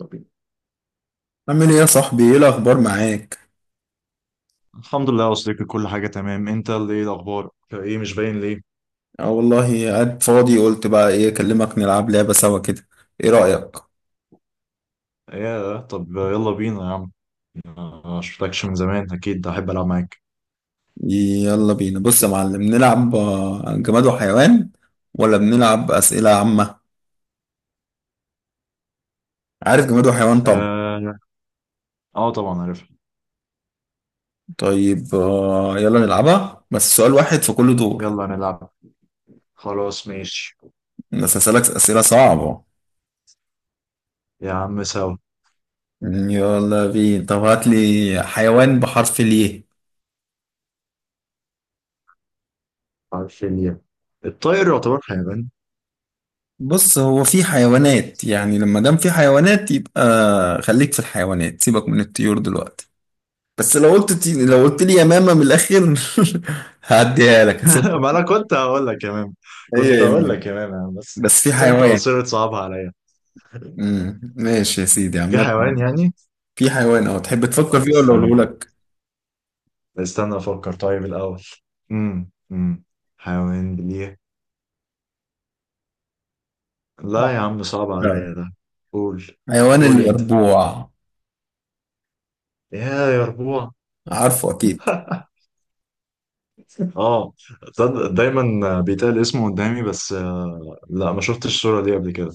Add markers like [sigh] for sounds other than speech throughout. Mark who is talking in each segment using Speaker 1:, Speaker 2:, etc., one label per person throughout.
Speaker 1: طب.
Speaker 2: عامل ايه يا صاحبي؟ ايه الاخبار معاك؟
Speaker 1: الحمد لله يا صديقي، كل حاجة تمام. انت اللي ايه الأخبار؟ ايه مش باين ليه؟
Speaker 2: اه والله، قاعد فاضي، قلت بقى ايه، اكلمك نلعب لعبة سوا كده. ايه رأيك؟
Speaker 1: ايه طب يلا بينا يا عم. ما شفتكش من زمان، أكيد أحب ألعب معاك.
Speaker 2: يلا بينا، بص يا معلم، نلعب جماد وحيوان، ولا بنلعب أسئلة عامة؟ عارف جماد وحيوان طبعا.
Speaker 1: اه، آه طبعا عارفها.
Speaker 2: طيب يلا نلعبها، بس سؤال واحد في كل دور.
Speaker 1: يلا نلعب. خلاص ماشي.
Speaker 2: بس هسألك أسئلة صعبة.
Speaker 1: يا عم سوا.
Speaker 2: يلا بينا، طب هات لي حيوان بحرف ليه.
Speaker 1: عارف ليه؟ الطائر يعتبر حيوان.
Speaker 2: بص، هو في حيوانات، يعني لما دام في حيوانات يبقى خليك في الحيوانات، سيبك من الطيور دلوقتي. بس لو قلت لي يمامة من الآخر [laughs] هعديها لك،
Speaker 1: [laughs]
Speaker 2: هسيبك.
Speaker 1: ما أنا كنت هقول لك يا مام. كنت
Speaker 2: هي
Speaker 1: هقول لك
Speaker 2: يمين.
Speaker 1: يا مام يا عم، بس.
Speaker 2: بس في
Speaker 1: بس انت
Speaker 2: حيوان.
Speaker 1: وصرت صعبها عليا.
Speaker 2: مم. ماشي يا سيدي،
Speaker 1: في حيوان
Speaker 2: عامة
Speaker 1: يعني؟
Speaker 2: في حيوان أهو، تحب تفكر
Speaker 1: طب
Speaker 2: فيه ولا
Speaker 1: استنى.
Speaker 2: أقوله لك؟
Speaker 1: استنى أفكر طيب الأول. امم امم حيوان ليه؟ لا يا عم، صعب
Speaker 2: لا.
Speaker 1: عليا ده. قول
Speaker 2: حيوان
Speaker 1: قول انت.
Speaker 2: اليربوع.
Speaker 1: يا ربوع.
Speaker 2: عارفه أكيد.
Speaker 1: [laughs] اه، تصدق دايما بيتقال اسمه قدامي، بس لا، ما شفتش الصورة دي قبل كده.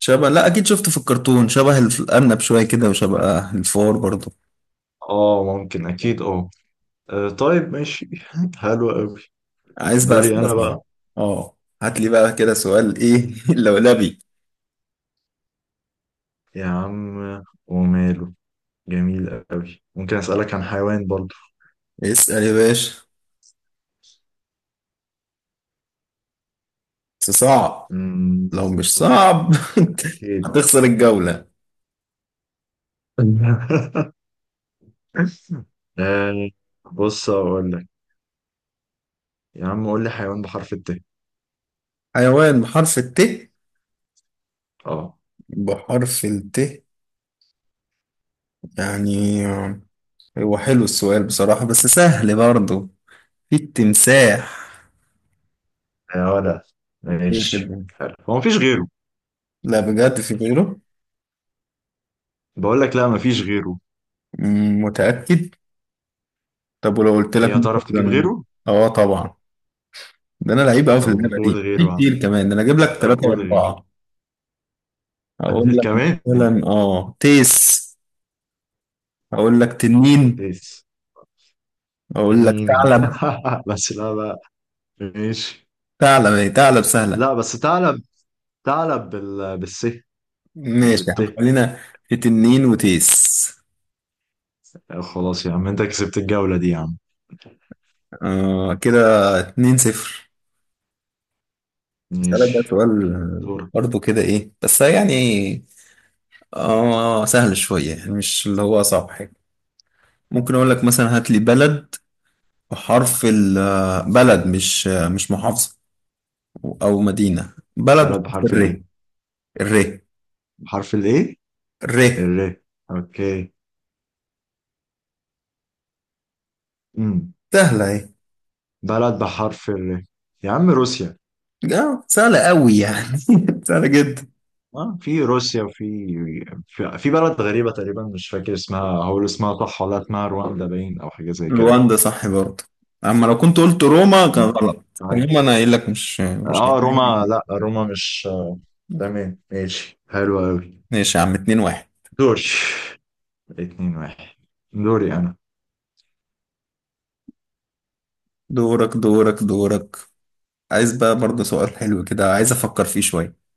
Speaker 2: شبه، لا أكيد شفته في الكرتون، شبه الأرنب شوية كده وشبه الفار برضه.
Speaker 1: اه ممكن، اكيد اه. طيب ماشي. [laughs] حلو قوي.
Speaker 2: عايز بقى
Speaker 1: دوري
Speaker 2: أسئلة
Speaker 1: انا
Speaker 2: صعبة.
Speaker 1: بقى.
Speaker 2: اه هات لي بقى كده سؤال إيه [laughs] لولبي.
Speaker 1: يا عم وماله. جميل قوي، ممكن اسألك عن حيوان برضو.
Speaker 2: اسأل يا باشا، بس صعب،
Speaker 1: مم،
Speaker 2: لو مش صعب [laughs]
Speaker 1: اكيد.
Speaker 2: هتخسر الجولة.
Speaker 1: [laughs] آه، بص اقول لك. يا عم قول لي حيوان بحرف الت.
Speaker 2: حيوان بحرف الت.
Speaker 1: اه
Speaker 2: بحرف الت. يعني هو حلو السؤال بصراحة، بس سهل برضه. في التمساح.
Speaker 1: يا ولا،
Speaker 2: إيه
Speaker 1: ماشي
Speaker 2: كده؟
Speaker 1: حلو، هو مفيش غيره؟
Speaker 2: لا بجد في غيره.
Speaker 1: بقول لك لا، مفيش غيره.
Speaker 2: مم، متأكد. طب ولو قلت لك
Speaker 1: ايه هتعرف تجيب
Speaker 2: مثلا،
Speaker 1: غيره؟
Speaker 2: اه طبعا، ده انا لعيب قوي في
Speaker 1: طب
Speaker 2: اللعبه
Speaker 1: قول
Speaker 2: دي، في
Speaker 1: غيره يا عم.
Speaker 2: كتير كمان، ده انا اجيب لك
Speaker 1: طب
Speaker 2: ثلاثه
Speaker 1: قول غيره.
Speaker 2: واربعه. اقول
Speaker 1: [laughs]
Speaker 2: لك
Speaker 1: كمان.
Speaker 2: مثلا اه تيس، اقول لك تنين،
Speaker 1: بس
Speaker 2: اقول لك
Speaker 1: مين؟
Speaker 2: ثعلب.
Speaker 1: [laughs] بس لا بقى. ماشي.
Speaker 2: ثعلب اهي، ثعلب سهلة.
Speaker 1: لا بس تعلب. بالس. مش
Speaker 2: ماشي يا عم،
Speaker 1: بالت.
Speaker 2: خلينا في تنين وتيس.
Speaker 1: خلاص يا عم انت كسبت الجولة دي يا عم.
Speaker 2: آه كده، 2-0. اسألك بقى
Speaker 1: ماشي.
Speaker 2: سؤال،
Speaker 1: دورك.
Speaker 2: برضه كده ايه بس يعني، اه سهل شوية يعني، مش اللي هو صعب حاجة. ممكن اقول لك مثلا، هات لي بلد بحرف ال، بلد مش محافظة او مدينة، بلد
Speaker 1: بلد
Speaker 2: بحرف
Speaker 1: بحرف الايه؟
Speaker 2: الر. الر.
Speaker 1: بحرف الايه؟
Speaker 2: الر.
Speaker 1: الر. اوكي. امم
Speaker 2: سهلة اهي.
Speaker 1: بلد بحرف الر. يا عم روسيا.
Speaker 2: اه سهلة قوي يعني، [laughs] سهلة جدا.
Speaker 1: اه في روسيا، وفي في بلد غريبة تقريبا، مش فاكر اسمها. هقول اسمها صح ولا اسمها رواندا باين او حاجة زي كده؟
Speaker 2: رواندا صح برضه، اما لو كنت قلت روما كان
Speaker 1: آه.
Speaker 2: غلط.
Speaker 1: طيب.
Speaker 2: روما، انا قايل لك مش
Speaker 1: اه روما،
Speaker 2: هيعجبني.
Speaker 1: لا روما مش تمام ماشي، حلو قوي.
Speaker 2: ماشي يا عم، 2-1.
Speaker 1: دوري. 2-1. دوري انا.
Speaker 2: دورك دورك دورك. عايز بقى برضه سؤال حلو كده، عايز افكر فيه شوية.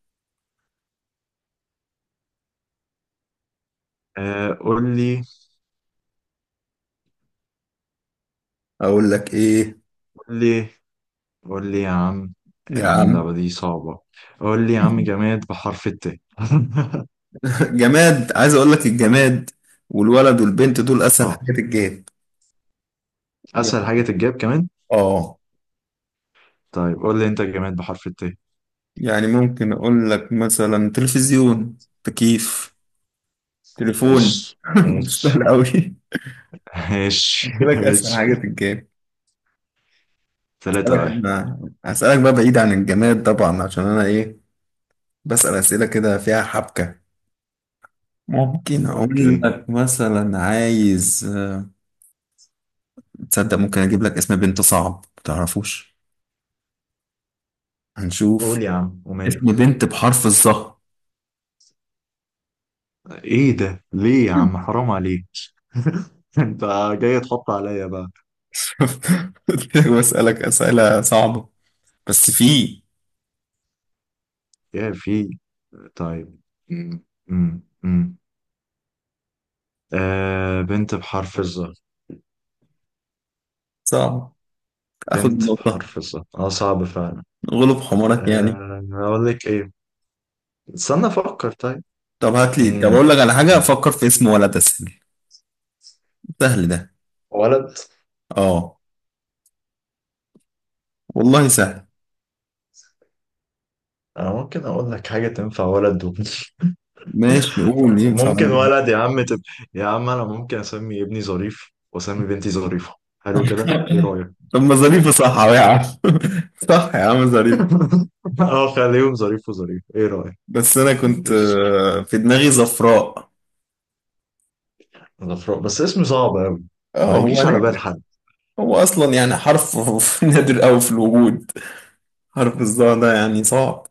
Speaker 1: آه قول لي
Speaker 2: اقول لك ايه.
Speaker 1: قول لي قول لي يا عم. يا
Speaker 2: يا
Speaker 1: عم
Speaker 2: عم.
Speaker 1: اللعبة دي صعبة. قول لي يا عم جماد بحرف الت. [laughs]
Speaker 2: [laughs] جماد، عايز اقول لك، الجماد والولد والبنت دول اسهل
Speaker 1: اه.
Speaker 2: حاجات الجاد.
Speaker 1: اسهل حاجة تتجاب كمان.
Speaker 2: اه.
Speaker 1: طيب قول لي انت جماد بحرف الت.
Speaker 2: يعني ممكن اقول لك مثلا تلفزيون، تكييف، تليفون.
Speaker 1: ايش.
Speaker 2: [laughs]
Speaker 1: ايش.
Speaker 2: سهل قوي،
Speaker 1: ماشي
Speaker 2: قلت لك اسهل
Speaker 1: ماشي.
Speaker 2: حاجه في الجيم.
Speaker 1: 3-1.
Speaker 2: هسألك، هسألك بقى بعيد عن الجماد طبعا، عشان انا ايه، بسأل اسئله كده فيها حبكه. ممكن اقول
Speaker 1: اوكي.
Speaker 2: لك مثلا، عايز تصدق ممكن اجيب لك اسم بنت صعب ما تعرفوش، هنشوف.
Speaker 1: قول يا عم وماله.
Speaker 2: اسم بنت بحرف الظهر.
Speaker 1: ايه ده؟ ليه يا عم، حرام عليك. [laughs] انت جاي تحط عليا بقى.
Speaker 2: [laughs] قلت لك بسألك اسئله صعبه، بس في.
Speaker 1: يا في. طيب. م- م- م. بنت بحرف الظهر.
Speaker 2: صعب. اخد
Speaker 1: بنت
Speaker 2: النقطه،
Speaker 1: بحرف الظهر، اه صعب فعلا.
Speaker 2: غلب حمارك يعني.
Speaker 1: اقول لك ايه؟ استنى افكر طيب.
Speaker 2: طب هات لي، طب
Speaker 1: م-
Speaker 2: اقول لك على حاجه،
Speaker 1: م.
Speaker 2: فكر في اسم ولد اسهل. سهل ده.
Speaker 1: ولد.
Speaker 2: اه والله سهل.
Speaker 1: انا ممكن اقول لك حاجة تنفع ولد. [laughs]
Speaker 2: ماشي، قول
Speaker 1: طب
Speaker 2: ينفع
Speaker 1: ممكن
Speaker 2: برضه.
Speaker 1: ولد يا عم، يا عم انا ممكن اسمي ابني ظريف واسمي بنتي ظريفة. حلو كده، ايه رأيك؟
Speaker 2: [laughs] طب ما ظريفة صح أهو يا عم، [laughs] صح يا عم، ظريفة.
Speaker 1: [laughs] اه خليهم ظريف وظريف، ايه رأيك؟
Speaker 2: بس أنا كنت في دماغي زفراء.
Speaker 1: غفران بس اسم صعب قوي،
Speaker 2: اه
Speaker 1: ما
Speaker 2: هو
Speaker 1: يجيش على بال
Speaker 2: نادر،
Speaker 1: حد.
Speaker 2: هو أصلا يعني حرف، [laughs] نادر أوي في الوجود، حرف الظاء ده يعني صعب.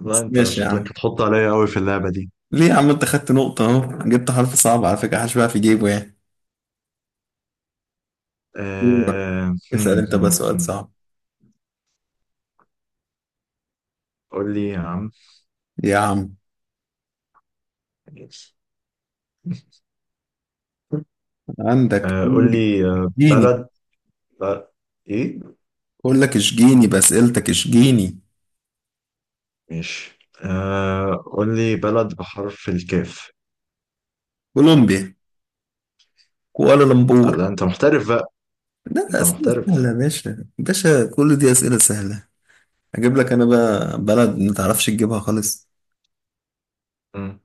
Speaker 1: لا
Speaker 2: بس
Speaker 1: انت
Speaker 2: ماشي يا عم،
Speaker 1: شكلك هتحط عليا قوي في اللعبة دي.
Speaker 2: ليه يا عم؟ أنت خدت نقطة أهو، جبت حرف صعب على فكرة، حشبها في جيبه يعني. دورك.
Speaker 1: آه... هم،
Speaker 2: اسأل أنت بقى
Speaker 1: هم،
Speaker 2: سؤال
Speaker 1: هم.
Speaker 2: صعب.
Speaker 1: قول لي يا عم.
Speaker 2: يا عم.
Speaker 1: [laughs]
Speaker 2: عندك
Speaker 1: قول
Speaker 2: إيه؟
Speaker 1: لي
Speaker 2: جيني.
Speaker 1: بلد. ب... ايه؟
Speaker 2: أقول لك اشجيني بأسئلتك، اشجيني.
Speaker 1: ماشي. قول لي بلد بحرف الكاف.
Speaker 2: كولومبيا، كوالالمبور.
Speaker 1: لا انت محترف بقى.
Speaker 2: لا
Speaker 1: انت
Speaker 2: أسئلة سهلة
Speaker 1: محترف.
Speaker 2: يا باشا، باشا كل دي أسئلة سهلة. أجيب لك أنا بقى بلد ما تعرفش تجيبها خالص.
Speaker 1: مم.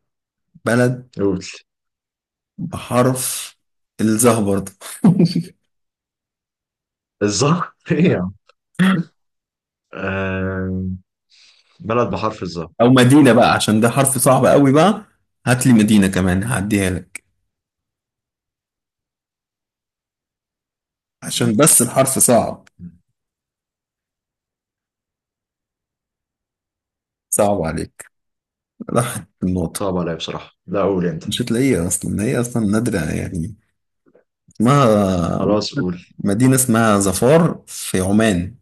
Speaker 2: بلد
Speaker 1: قول.
Speaker 2: بحرف الظه برضه.
Speaker 1: الظهر. [laughs] ايه يا عم. آه... بلد بحرف الظهر.
Speaker 2: [laughs] أو مدينة بقى، عشان ده حرف صعب قوي بقى، هات لي مدينة كمان هعديها لك، عشان بس الحرف صعب. صعب عليك، راحت النقطة.
Speaker 1: صعب عليا بصراحة، لا قول انت.
Speaker 2: مش هتلاقيها أصلا، هي أصلا نادرة يعني. اسمها،
Speaker 1: خلاص قول.
Speaker 2: مدينة اسمها ظفار في عمان.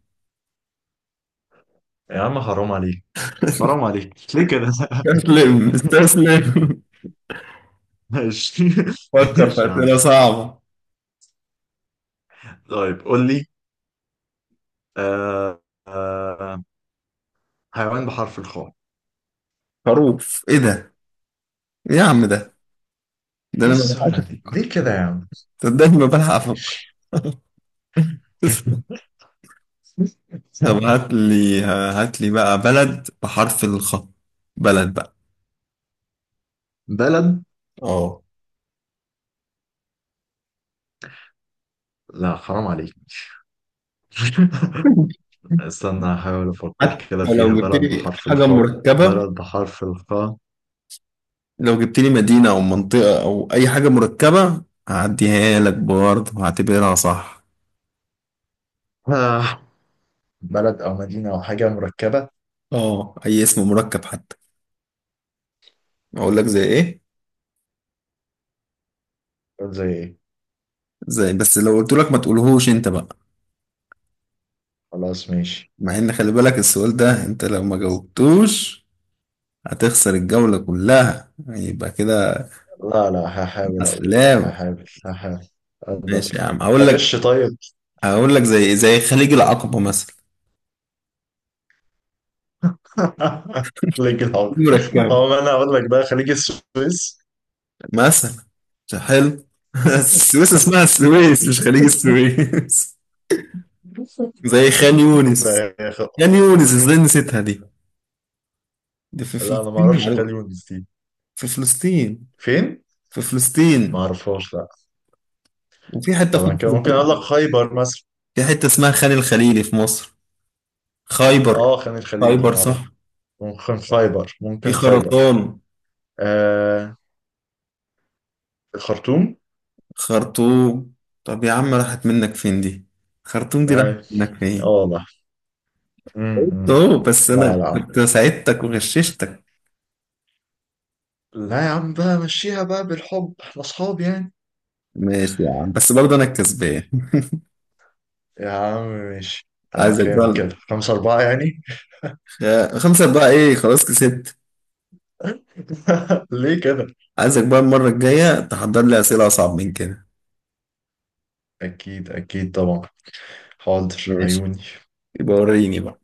Speaker 1: يا عم حرام عليك.
Speaker 2: [laughs]
Speaker 1: حرام عليك ليه كده؟
Speaker 2: استسلم
Speaker 1: [laughs]
Speaker 2: استسلم.
Speaker 1: ماشي.
Speaker 2: فكر في
Speaker 1: ماشي يا
Speaker 2: أسئلة
Speaker 1: عم.
Speaker 2: صعبة.
Speaker 1: طيب قول لي. آه... آه... حيوان بحرف الخاء.
Speaker 2: خروف، ايه ده؟ ايه يا عم ده، ده
Speaker 1: ايه
Speaker 2: انا ما بلحقش
Speaker 1: السهولة دي
Speaker 2: افكر،
Speaker 1: ليه كده يا عم؟
Speaker 2: صدقني ما بلحق افكر.
Speaker 1: ماشي.
Speaker 2: [laughs]
Speaker 1: [laughs]
Speaker 2: طب هات لي بقى بلد بحرف الخاء. بلد بقى.
Speaker 1: بلد.
Speaker 2: اه.
Speaker 1: لا حرام عليك. [laughs] استنى هحاول أفكر كده
Speaker 2: حتى
Speaker 1: فيها،
Speaker 2: لو جبت
Speaker 1: بلد
Speaker 2: لي
Speaker 1: بحرف
Speaker 2: حاجة
Speaker 1: الخاء.
Speaker 2: مركبة،
Speaker 1: بلد بحرف الخاء.
Speaker 2: لو جبت لي مدينة أو منطقة أو أي حاجة مركبة هعديها لك برضه، هعتبرها صح.
Speaker 1: آه. بلد أو مدينة أو حاجة مركبة.
Speaker 2: اه أي اسم مركب حتى. أقول لك زي إيه.
Speaker 1: قول زي إيه.
Speaker 2: زي، بس لو قلت لك ما تقولهوش أنت بقى.
Speaker 1: خلاص ماشي.
Speaker 2: مع إن، خلي بالك، السؤال ده أنت لو ما جاوبتوش هتخسر الجولة كلها، يبقى كده
Speaker 1: لا لا،
Speaker 2: مع
Speaker 1: هحاول أقول.
Speaker 2: السلامة.
Speaker 1: هحاول
Speaker 2: ماشي يا
Speaker 1: أقدر.
Speaker 2: عم، هقول لك.
Speaker 1: أغش طيب.
Speaker 2: هقول لك زي خليج العقبة مثلا.
Speaker 1: [laughs] خليج العقل.
Speaker 2: مركبة.
Speaker 1: هو ما أنا أقول لك بقى خليج السويس.
Speaker 2: مثلا مش حلو. [laughs] السويس اسمها السويس، مش خليج
Speaker 1: [laughs]
Speaker 2: السويس. [laughs] زي خان
Speaker 1: ده
Speaker 2: يونس.
Speaker 1: يا أخي.
Speaker 2: خان يونس ازاي نسيتها؟ دي في
Speaker 1: لا أنا ما
Speaker 2: فلسطين
Speaker 1: أعرفش، خليج
Speaker 2: معروف.
Speaker 1: ونسيت.
Speaker 2: في فلسطين
Speaker 1: فين؟
Speaker 2: في
Speaker 1: ما
Speaker 2: فلسطين
Speaker 1: أعرفش، لا.
Speaker 2: وفي حتة في
Speaker 1: طبعا كده
Speaker 2: مصر
Speaker 1: ممكن
Speaker 2: برضه.
Speaker 1: أقول لك خيبر مثلا.
Speaker 2: في حتة اسمها خان الخليلي في مصر. خيبر،
Speaker 1: اه خان الخليلي دي
Speaker 2: خيبر
Speaker 1: معروفة.
Speaker 2: صح.
Speaker 1: ممكن خيبر
Speaker 2: في
Speaker 1: ممكن خيبر
Speaker 2: خرطان،
Speaker 1: آه الخرطوم.
Speaker 2: خرطوم. طب يا عم راحت منك فين دي؟ خرطوم دي راحت
Speaker 1: طيب.
Speaker 2: منك
Speaker 1: اه
Speaker 2: فين؟
Speaker 1: والله.
Speaker 2: قلت
Speaker 1: امم
Speaker 2: اهو، بس
Speaker 1: لا
Speaker 2: انا
Speaker 1: لا،
Speaker 2: كنت ساعدتك وغششتك.
Speaker 1: لا يا عم بقى مشيها بقى بالحب، احنا اصحاب يعني.
Speaker 2: ماشي يا عم، بس برضه انا الكسبان.
Speaker 1: يا عم ماشي. آه
Speaker 2: عايزك
Speaker 1: كام
Speaker 2: بقى.
Speaker 1: كده، 5-4 يعني.
Speaker 2: خمسة بقى، ايه خلاص كسبت.
Speaker 1: [laughs] ليه كده؟
Speaker 2: عايزك بقى المرة الجاية تحضر لي أسئلة أصعب من كده.
Speaker 1: أكيد أكيد طبعا. حاضر
Speaker 2: ماشي.
Speaker 1: عيوني.
Speaker 2: يبقى وريني بقى.